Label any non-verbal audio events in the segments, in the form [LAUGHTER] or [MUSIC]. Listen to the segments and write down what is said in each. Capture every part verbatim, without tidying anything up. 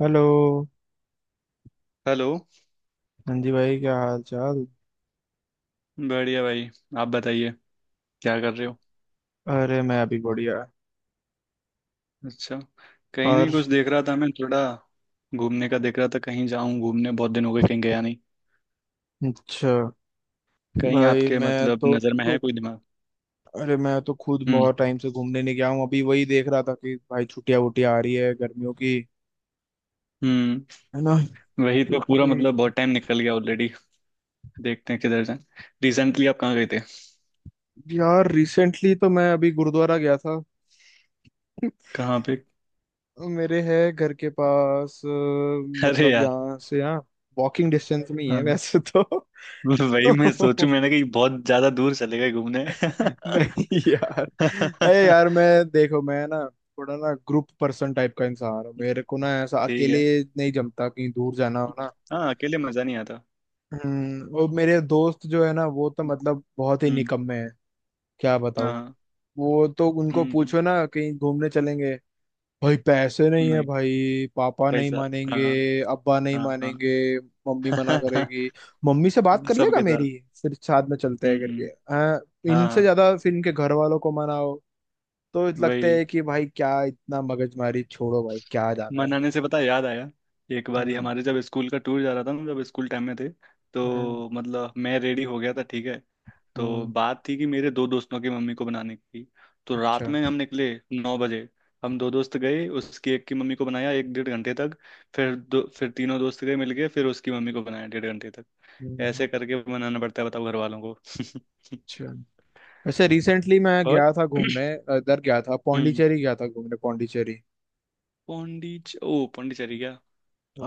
Hello. Hello. हाँ जी भाई, क्या हाल चाल। बढ़िया भाई, आप बताइए क्या कर रहे हो। अरे मैं अभी बढ़िया। अच्छा, कहीं और। नहीं, कुछ देख रहा था मैं थोड़ा। घूमने का देख रहा था कहीं जाऊं घूमने, बहुत दिन हो गए कहीं गया नहीं। अच्छा। कहीं भाई आपके मैं मतलब तो नज़र में है खुद कोई दिमाग? अरे मैं तो खुद हम्म। बहुत टाइम से घूमने नहीं गया हूँ, अभी वही देख रहा था कि भाई छुट्टियां वुट्टियां आ रही है गर्मियों की, हम्म। है ना। वही तो तो, पूरा कहीं- मतलब बहुत टाइम निकल गया ऑलरेडी। देखते हैं किधर जाएं। रिसेंटली आप कहाँ गए थे? यार रिसेंटली तो मैं अभी गुरुद्वारा गया था। कहाँ पे? तो मेरे है घर के पास अ, अरे मतलब यार। यहाँ से यहाँ वॉकिंग डिस्टेंस में ही है हाँ, वैसे तो। वही मैं सोचूं [LAUGHS] मैंने कहीं बहुत ज्यादा दूर चले गए घूमने। [LAUGHS] नहीं यार। अरे यार मैं देखो मैं ना थोड़ा ना ग्रुप पर्सन टाइप का इंसान हूँ, मेरे को ना ऐसा ठीक अकेले है। नहीं जमता कहीं दूर जाना हो ना। हाँ अकेले मजा नहीं आता। हम्म और मेरे दोस्त जो है ना वो तो मतलब बहुत ही हम्म। निकम्मे हैं। क्या बताऊँ। हाँ। वो तो उनको हम्म। पूछो ना कहीं घूमने चलेंगे, भाई पैसे नहीं है, नहीं। भाई पापा नहीं पैसा। मानेंगे, हाँ अब्बा नहीं हाँ। मानेंगे, मम्मी मना हाँ। करेगी, [LAUGHS] मम्मी से बात कर लेगा सबके साथ। मेरी, फिर साथ में चलते हैं करके। हम्म। हाँ। इनसे हाँ। ज्यादा फिर इनके घर वालों को मनाओ, तो लगता वही। है कि भाई क्या इतना मगजमारी, छोड़ो भाई क्या जाना है। मनाने से पता है, याद आया। एक बार ही हम्म। हमारे जब स्कूल का टूर जा रहा था ना, जब स्कूल टाइम में थे। हम्म। तो मतलब मैं रेडी हो गया था, ठीक है। तो हम्म। बात थी कि मेरे दो दोस्तों की मम्मी को बनाने की। तो रात अच्छा। में हम निकले नौ बजे। हम दो दोस्त गए, उसकी एक की मम्मी को बनाया एक डेढ़ घंटे तक। फिर दो फिर तीनों दोस्त गए मिल गए, फिर उसकी मम्मी को बनाया डेढ़ घंटे तक। हम्म, ऐसे करके मनाना पड़ता है, बताओ, घर वालों को। [LAUGHS] अच्छा। वैसे रिसेंटली मैं और। गया था घूमने, इधर गया था हम्म। पौंडीचेरी, गया था घूमने पौंडीचेरी। पौंडीच ओ पौंडीचेरी क्या?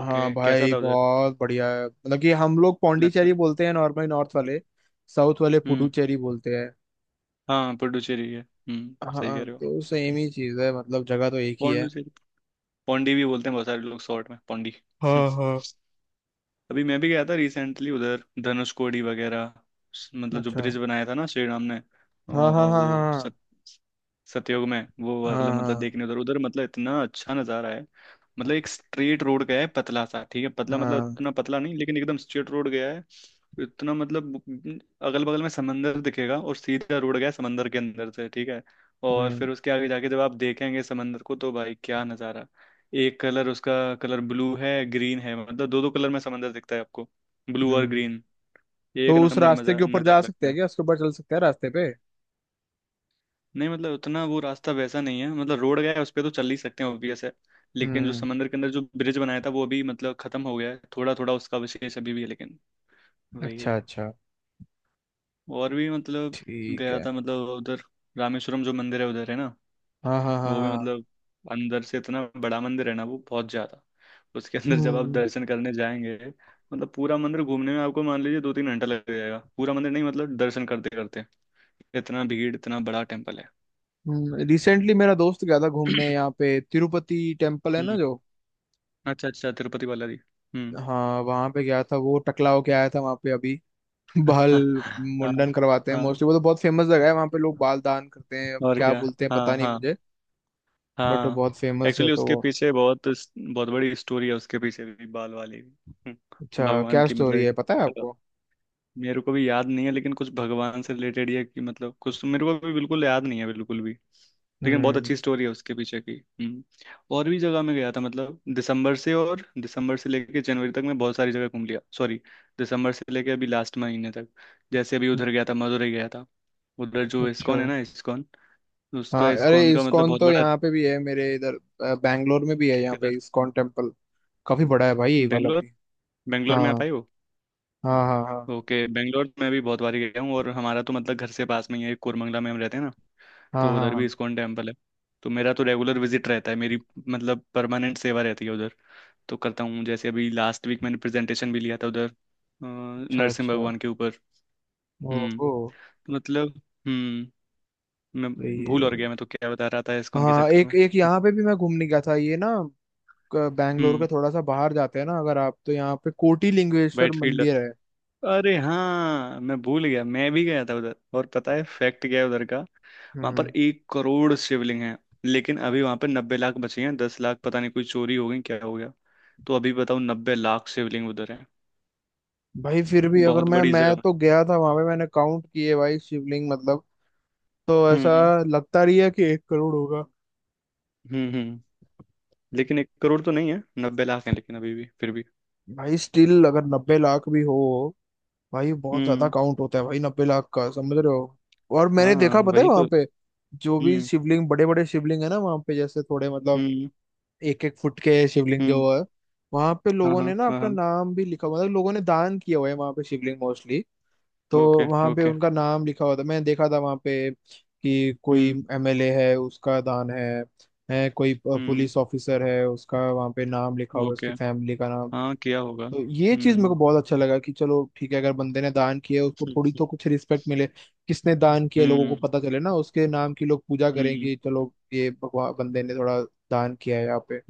ओके कैसा भाई था उधर? बहुत बढ़िया है, मतलब कि हम लोग अच्छा। पौंडीचेरी बोलते हैं नॉर्मली नॉर्थ वाले, साउथ वाले हम्म। पुडुचेरी बोलते हैं। हाँ पुडुचेरी है, हम्म, सही कह हाँ, रहे हो। तो सेम ही चीज़ है, मतलब जगह तो एक ही है। पौंडीचेरी। पौंडी भी बोलते हैं बहुत सारे लोग, शॉर्ट में पौंडी। [LAUGHS] हाँ हाँ। अभी मैं भी गया था रिसेंटली उधर, धनुषकोडी वगैरह। स- मतलब जो अच्छा। ब्रिज बनाया था ना श्री राम ने अ, हाँ हाँ हाँ वो हाँ। सत, सतयुग में वो हाँ वाला, मतलब हाँ देखने उधर। उधर मतलब इतना अच्छा नज़ारा है। मतलब एक स्ट्रेट रोड गया है पतला सा, ठीक है, पतला हाँ मतलब हाँ। इतना पतला नहीं लेकिन एकदम स्ट्रेट रोड गया है। इतना मतलब अगल बगल में समंदर दिखेगा, और सीधा रोड गया है समंदर के अंदर से, ठीक है। और हम्म। फिर उसके आगे जाके जब आप देखेंगे समंदर को, तो भाई क्या नज़ारा। एक कलर उसका, कलर ब्लू है ग्रीन है, मतलब दो दो कलर में समंदर दिखता है आपको, ब्लू और हम्म। ग्रीन। ये एक तो उस नंबर रास्ते के मजा ऊपर जा नज़ारा सकते लगता हैं है। क्या, उसके ऊपर चल सकते हैं रास्ते पे? नहीं मतलब उतना वो रास्ता वैसा नहीं है, मतलब रोड गया है उस पे तो चल ही सकते हैं, ऑब्वियस है। लेकिन जो हम्म। समंदर के अंदर जो ब्रिज बनाया था, वो अभी मतलब खत्म हो गया है, थोड़ा थोड़ा उसका अवशेष अभी भी है, लेकिन वही अच्छा है। अच्छा। और भी मतलब ठीक गया है। था मतलब उधर रामेश्वरम, जो मंदिर है उधर है ना। हाँ हाँ हाँ वो भी हाँ। मतलब अंदर से इतना बड़ा मंदिर है ना, वो बहुत ज्यादा। उसके अंदर जब आप हम्म। दर्शन करने जाएंगे, मतलब पूरा मंदिर घूमने में आपको मान लीजिए दो तीन घंटा लग जाएगा, पूरा मंदिर नहीं मतलब दर्शन करते करते। इतना भीड़, इतना बड़ा टेम्पल है। रिसेंटली मेरा दोस्त गया था घूमने, यहाँ [CLEARS THROAT] पे तिरुपति टेम्पल है ना हम्म। जो। अच्छा अच्छा, तिरुपति बालाजी। हम्म। हाँ वहाँ पे गया था, वो टकला होके आया था वहाँ पे अभी। [LAUGHS] बाल [LAUGHS] हाँ मुंडन करवाते हैं हाँ। मोस्टली, वो तो बहुत फेमस जगह है, वहाँ पे लोग बाल दान करते हैं, अब और क्या क्या। बोलते हैं हाँ पता नहीं हाँ। मुझे, बट वो हाँ। बहुत फेमस है एक्चुअली तो उसके वो। पीछे बहुत बहुत बड़ी स्टोरी है, उसके पीछे भी, बाल वाली भी। हम्म, अच्छा, भगवान क्या की मतलब स्टोरी है एक। पता है आपको? मेरे को भी याद नहीं है, लेकिन कुछ भगवान से रिलेटेड या कि मतलब कुछ, तो मेरे को भी बिल्कुल याद नहीं है बिल्कुल भी। लेकिन बहुत हम्म। अच्छी स्टोरी है उसके पीछे की। हम्म। और भी जगह में गया था, मतलब दिसंबर से और दिसंबर से लेके जनवरी तक मैं बहुत सारी जगह घूम लिया। सॉरी, दिसंबर से लेके अभी लास्ट महीने तक। जैसे अभी उधर गया था, मदुरई गया था। उधर जो अच्छा। इस्कॉन है ना, इस्कॉन, उसका हाँ अरे, इस्कॉन का मतलब इस्कॉन बहुत तो बड़ा। यहाँ पे भी है मेरे इधर, अ, बैंगलोर में भी है यहाँ पे किधर? इस्कॉन टेम्पल, काफी बड़ा है भाई ये वाला बेंगलोर। भी। बेंगलोर में आप हाँ आए हो? हाँ हाँ। हाँ ओके, बेंगलोर में भी बहुत बार गया हूँ, और हमारा तो मतलब घर से पास में ही है, कोरमंगला में हम रहते हैं ना। हाँ तो हाँ उधर भी हाँ। इस्कॉन टेम्पल है। तो मेरा तो रेगुलर विजिट रहता है मेरी, मतलब परमानेंट सेवा रहती है उधर। तो करता हूँ, जैसे अभी लास्ट वीक मैंने प्रेजेंटेशन भी लिया था उधर अ, अच्छा नरसिंह अच्छा। भगवान के ऊपर। हम्म। ओहो। मतलब। हम्म। मैं सही है भूल और गया, भाई। मैं तो क्या बता रहा था इस्कॉन के हाँ चक्कर में। एक एक यहाँ पे भी मैं घूमने गया था ये ना, क- बैंगलोर के हम्म। थोड़ा सा बाहर जाते हैं ना अगर आप, तो यहाँ पे कोटी लिंगेश्वर वाइट। मंदिर है। अरे हाँ, मैं भूल गया, मैं भी गया था उधर। और पता है फैक्ट क्या है उधर का, वहां पर हम्म। एक करोड़ शिवलिंग हैं। लेकिन अभी वहां पर नब्बे लाख बचे हैं, दस लाख पता नहीं कोई चोरी हो गई, क्या हो गया। तो अभी बताओ नब्बे लाख शिवलिंग उधर है। भाई फिर भी, अगर बहुत मैं बड़ी मैं जगह तो है। गया था वहां पे, मैंने काउंट किए भाई शिवलिंग मतलब, तो ऐसा हम्म। लगता रही है कि एक करोड़ होगा। हम्म। हम्म। लेकिन एक करोड़ तो नहीं है, नब्बे लाख है, लेकिन अभी भी फिर भी। भाई स्टिल अगर नब्बे लाख भी हो, भाई बहुत ज्यादा हम्म। काउंट होता है भाई, नब्बे लाख का, समझ रहे हो? और मैंने हाँ देखा, पता है वही तो। वहां पे जो भी हम्म। शिवलिंग, बड़े बड़े शिवलिंग है ना वहां पे, जैसे थोड़े मतलब हम्म। एक एक फुट के शिवलिंग जो हम्म। है, वहां पे हाँ लोगों हाँ ने ना हाँ अपना हाँ। नाम भी लिखा हुआ, मतलब लोगों ने दान किया हुआ है वहां पे शिवलिंग मोस्टली, तो ओके वहां पे ओके। उनका नाम लिखा हुआ था। मैंने देखा था वहां पे कि कोई हम्म। एमएलए है उसका दान है है कोई हम्म। पुलिस ऑफिसर है उसका वहां पे नाम लिखा हुआ है, ओके। उसकी फैमिली का नाम। हाँ किया होगा। तो ये चीज मेरे को हम्म। बहुत अच्छा लगा कि चलो ठीक है, अगर बंदे ने दान किया उसको थोड़ी तो [LAUGHS] कुछ रिस्पेक्ट मिले, किसने दान किया लोगों को हम्म। पता चले ना, उसके नाम की लोग पूजा करें हम्म। कि चलो ये भगवान बंदे ने थोड़ा दान किया है यहाँ पे।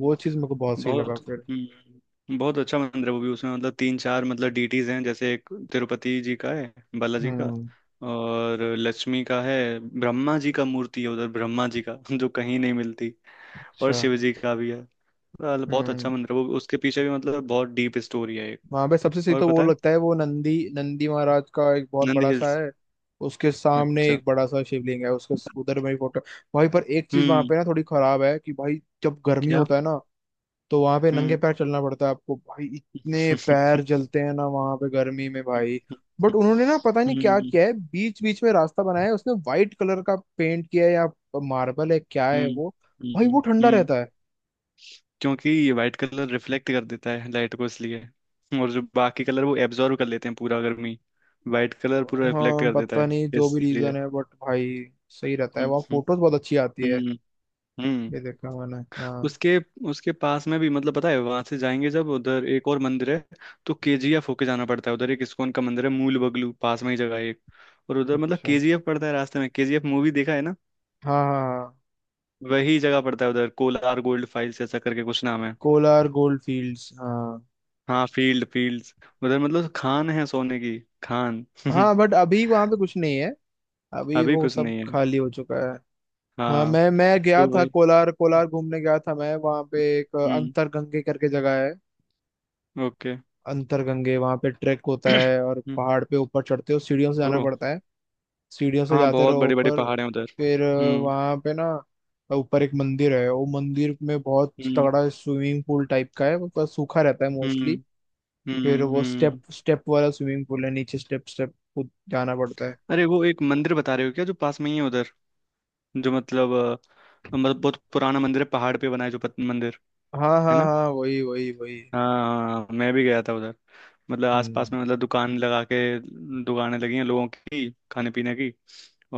वो चीज मेरे को बहुत सही लगा बहुत। फिर। हम्म, बहुत अच्छा मंदिर है वो भी। उसमें मतलब तीन चार मतलब डीटीज हैं, जैसे एक तिरुपति जी का है, बालाजी का। हम्म। और लक्ष्मी का है। ब्रह्मा जी का मूर्ति है उधर, ब्रह्मा जी का, [LAUGHS] जो कहीं नहीं मिलती। और अच्छा। शिव जी का भी है। मतलब बहुत अच्छा हम्म। मंदिर है वो, उसके पीछे भी मतलब बहुत डीप स्टोरी है एक। वहां पे सबसे सही और तो वो पता है, लगता है, वो नंदी नंदी महाराज का एक बहुत नंद बड़ा सा हिल्स। है, उसके सामने अच्छा। एक बड़ा सा शिवलिंग है, उसके उधर मेरी फोटो। भाई पर एक चीज वहां हम्म। पे ना थोड़ी खराब है कि भाई, जब गर्मी क्या? होता है ना, तो वहां पे नंगे हम्म। पैर चलना पड़ता है आपको भाई, इतने [LAUGHS] पैर जलते हैं ना वहां पे गर्मी में भाई। बट उन्होंने ना पता नहीं हम्म। क्या हम्म। किया है, बीच बीच में रास्ता बनाया है, उसने वाइट कलर का पेंट किया है या मार्बल है क्या है हम्म। वो, भाई वो हम्म। ठंडा हम्म, रहता है। क्योंकि ये वाइट कलर रिफ्लेक्ट कर देता है लाइट को, इसलिए। और जो बाकी कलर वो एब्जॉर्व कर लेते हैं पूरा गर्मी। वाइट कलर पूरा रिफ्लेक्ट हाँ कर देता पता है, नहीं जो भी इसलिए। रीजन है, बट भाई सही रहता है हम्म। वहाँ, फोटोज बहुत अच्छी आती है। हम्म। हम्म। ये हम्म। देखा मैंने। हाँ। उसके उसके पास में भी मतलब, पता है, वहां से जाएंगे जब उधर, एक और मंदिर है। तो केजीएफ होके जाना पड़ता है, उधर एक इस्कॉन का मंदिर है, मूल बगलू पास में ही जगह है एक। और उधर मतलब अच्छा। केजीएफ पड़ता है रास्ते में। केजीएफ मूवी देखा है ना, हाँ हाँ हाँ। वही जगह पड़ता है उधर। कोलार गोल्ड फाइल्स ऐसा करके कुछ नाम है। कोलार गोल्ड फील्ड्स, हाँ। हाँ, फील्ड फील्ड्स। उधर मतलब खान है, सोने की खान। [LAUGHS] हाँ बट अभी वहाँ पे कुछ नहीं है, अभी अभी वो कुछ सब नहीं है। खाली हो चुका है। हाँ हाँ मैं मैं गया तो था वही। कोलार, कोलार घूमने गया था मैं, वहाँ पे एक हम्म। अंतरगंगे करके जगह है। ओके। अंतरगंगे वहाँ पे ट्रैक होता है, [CLEARS THROAT] और हम्म, पहाड़ पे ऊपर चढ़ते हो, सीढ़ियों से ओ। जाना पड़ता है, सीढ़ियों से हाँ जाते बहुत रहो बड़े बड़े ऊपर। पहाड़ हैं उधर। फिर अ, हम्म। वहाँ पे ना ऊपर एक मंदिर है, वो मंदिर में बहुत हम्म। तगड़ा स्विमिंग पूल टाइप का है, वो थोड़ा सूखा रहता है हम्म। मोस्टली, फिर हम्म। वो स्टेप हम्म। स्टेप वाला स्विमिंग पूल है नीचे, स्टेप स्टेप जाना पड़ता है। अरे वो एक मंदिर बता रहे हो क्या, जो पास में ही है उधर? जो मतलब अ, मतलब बहुत पुराना मंदिर है, पहाड़ पे बना है, जो पत- मंदिर हाँ है। हाँ हाँ, वही वही वही। हाँ मैं भी गया था उधर। मतलब हम्म। आसपास में मतलब दुकान लगा के, दुकानें लगी हैं लोगों की, खाने पीने की।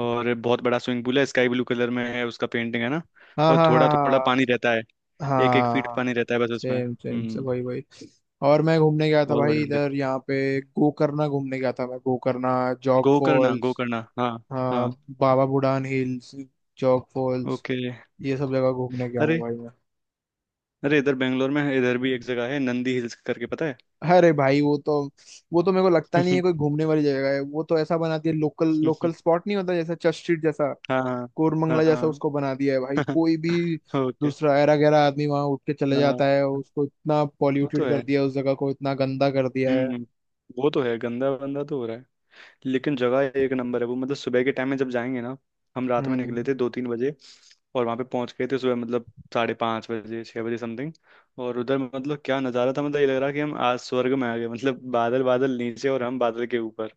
और बहुत बड़ा स्विमिंग पूल है, स्काई ब्लू कलर में है, उसका पेंटिंग है ना। हाँ और हाँ थोड़ा थोड़ा हाँ पानी रहता है, हाँ एक एक हाँ। हाँ फीट हाँ। पानी रहता है बस उसमें। सेम सेम से हम्म। वही वही। और मैं घूमने गया था बहुत बड़े भाई मंदिर। इधर, यहाँ पे गोकर्णा घूमने गया था मैं, गोकर्णा, जॉग गोकर्ण फॉल्स। गोकर्ण, हाँ। हाँ। हाँ। Baba Budan hills, Jog falls, okay. ये सब जगह घूमने गया हूँ अरे, भाई मैं। अरे इधर बेंगलोर में है, इधर भी एक जगह है नंदी हिल्स करके, पता है। अरे भाई वो तो, वो तो मेरे को लगता नहीं है कोई घूमने वाली जगह है, वो तो ऐसा बना दिया, लोकल लोकल [LAUGHS] स्पॉट नहीं होता, जैसा चर्च स्ट्रीट जैसा हाँ हाँ कोरमंगला जैसा उसको हाँ। बना दिया है भाई, कोई भी [LAUGHS] ओके। दूसरा ऐरा गैरा आदमी वहां उठ के चले हाँ जाता है, उसको इतना वो तो पॉल्यूटेड कर है। दिया है, उस जगह को इतना गंदा कर दिया है। हम्म। वो तो है, गंदा बंदा तो हो रहा है। लेकिन जगह एक नंबर है वो, मतलब सुबह के टाइम में जब जाएंगे ना। हम रात में निकले हम्म। थे दो तीन बजे, और वहां पे पहुंच गए थे सुबह, मतलब साढ़े पाँच बजे छह बजे समथिंग। और उधर मतलब क्या नज़ारा था, मतलब ये लग रहा कि हम आज स्वर्ग में आ गए, मतलब बादल बादल नीचे और हम बादल के ऊपर।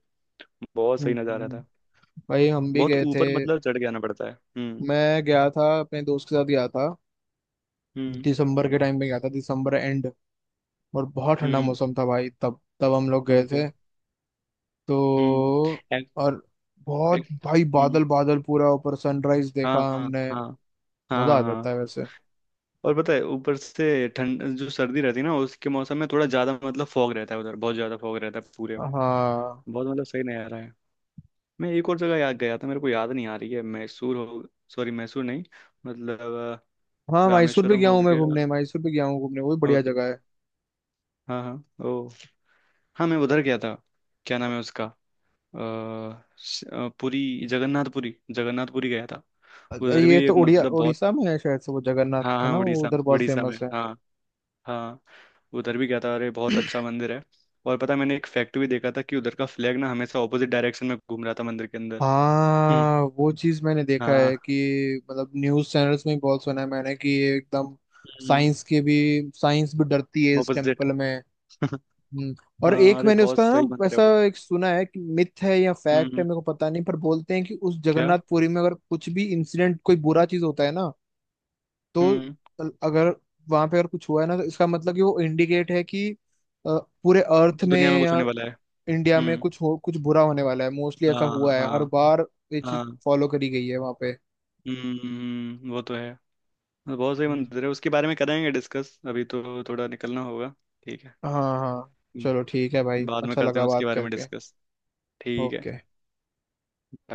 बहुत सही नज़ारा हम्म। था। भाई हम भी बहुत गए थे, ऊपर मतलब चढ़ के आना पड़ता है। हम्म। मैं गया था अपने दोस्त के साथ गया था, हम्म। दिसंबर के टाइम में गया था, दिसंबर एंड, और बहुत ठंडा हम्म। मौसम था भाई तब, तब हम लोग हम्म, गए ओके। थे हम्म। तो। एक- और बहुत एक- भाई, हम्म। बादल बादल पूरा ऊपर, सनराइज हाँ देखा हाँ हमने। हाँ। हाँ मजा हाँ आ जाता है हाँ। वैसे। और पता है, ऊपर से ठंड, जो सर्दी रहती है ना उसके मौसम में थोड़ा ज्यादा, मतलब फॉग रहता है उधर बहुत ज्यादा, फॉग रहता है पूरे में। हाँ। बहुत मतलब सही नहीं आ रहा है। मैं एक और जगह याद गया था, मेरे को याद नहीं आ रही है। मैसूर हो, सॉरी, मैसूर नहीं, मतलब अ, हाँ मैसूर भी रामेश्वरम गया हो हूँ मैं गया। घूमने, मैसूर भी गया हूँ घूमने, वो भी बढ़िया ओके। जगह हाँ हाँ ओ। हाँ मैं उधर गया था। क्या नाम है उसका, अ, श- अ, पुरी, जगन्नाथपुरी, जगन्नाथपुरी गया था। है। उधर ये भी तो एक उड़िया मतलब बहुत। उड़ीसा में है शायद से वो, जगन्नाथ हाँ है हाँ ना वो उड़ीसा, उधर बहुत उड़ीसा में, फेमस है। हाँ। हाँ उधर भी गया था, अरे बहुत अच्छा मंदिर है। और पता है, मैंने एक फैक्ट भी देखा था कि उधर का फ्लैग ना हमेशा ऑपोजिट डायरेक्शन में घूम रहा था मंदिर के अंदर। हम्म। हाँ वो चीज मैंने देखा है, हाँ। कि मतलब न्यूज चैनल्स में भी बहुत सुना है मैंने कि ये एकदम, हम्म। साइंस के भी साइंस भी डरती है इस ऑपोजिट। टेम्पल में। [LAUGHS] हम्म, और हाँ एक अरे मैंने बहुत उसका सही ना मंदिर है ऐसा वो। एक सुना है कि मिथ है या फैक्ट है हम्म। मेरे को पता नहीं, पर बोलते हैं कि उस क्या? जगन्नाथपुरी में अगर कुछ भी इंसिडेंट कोई बुरा चीज होता है ना, तो हम्म। अगर वहां पे अगर कुछ हुआ है ना, तो इसका मतलब कि वो इंडिकेट है कि अ, पूरे अर्थ में दुनिया में कुछ या होने वाला है। इंडिया में हम्म। कुछ हो, कुछ बुरा होने वाला है मोस्टली, ऐसा हाँ। हुआ है हर हाँ। बार, ये चीज हाँ। फॉलो करी गई है वहां पे। हम्म वो तो है। बहुत सही हम्म। मंदिर है, उसके बारे में करेंगे डिस्कस, अभी तो थोड़ा निकलना होगा। ठीक है। हाँ हाँ। चलो ठीक है भाई, बाद में अच्छा करते लगा हैं उसके बात बारे में करके। डिस्कस। ठीक है। ओके। bye।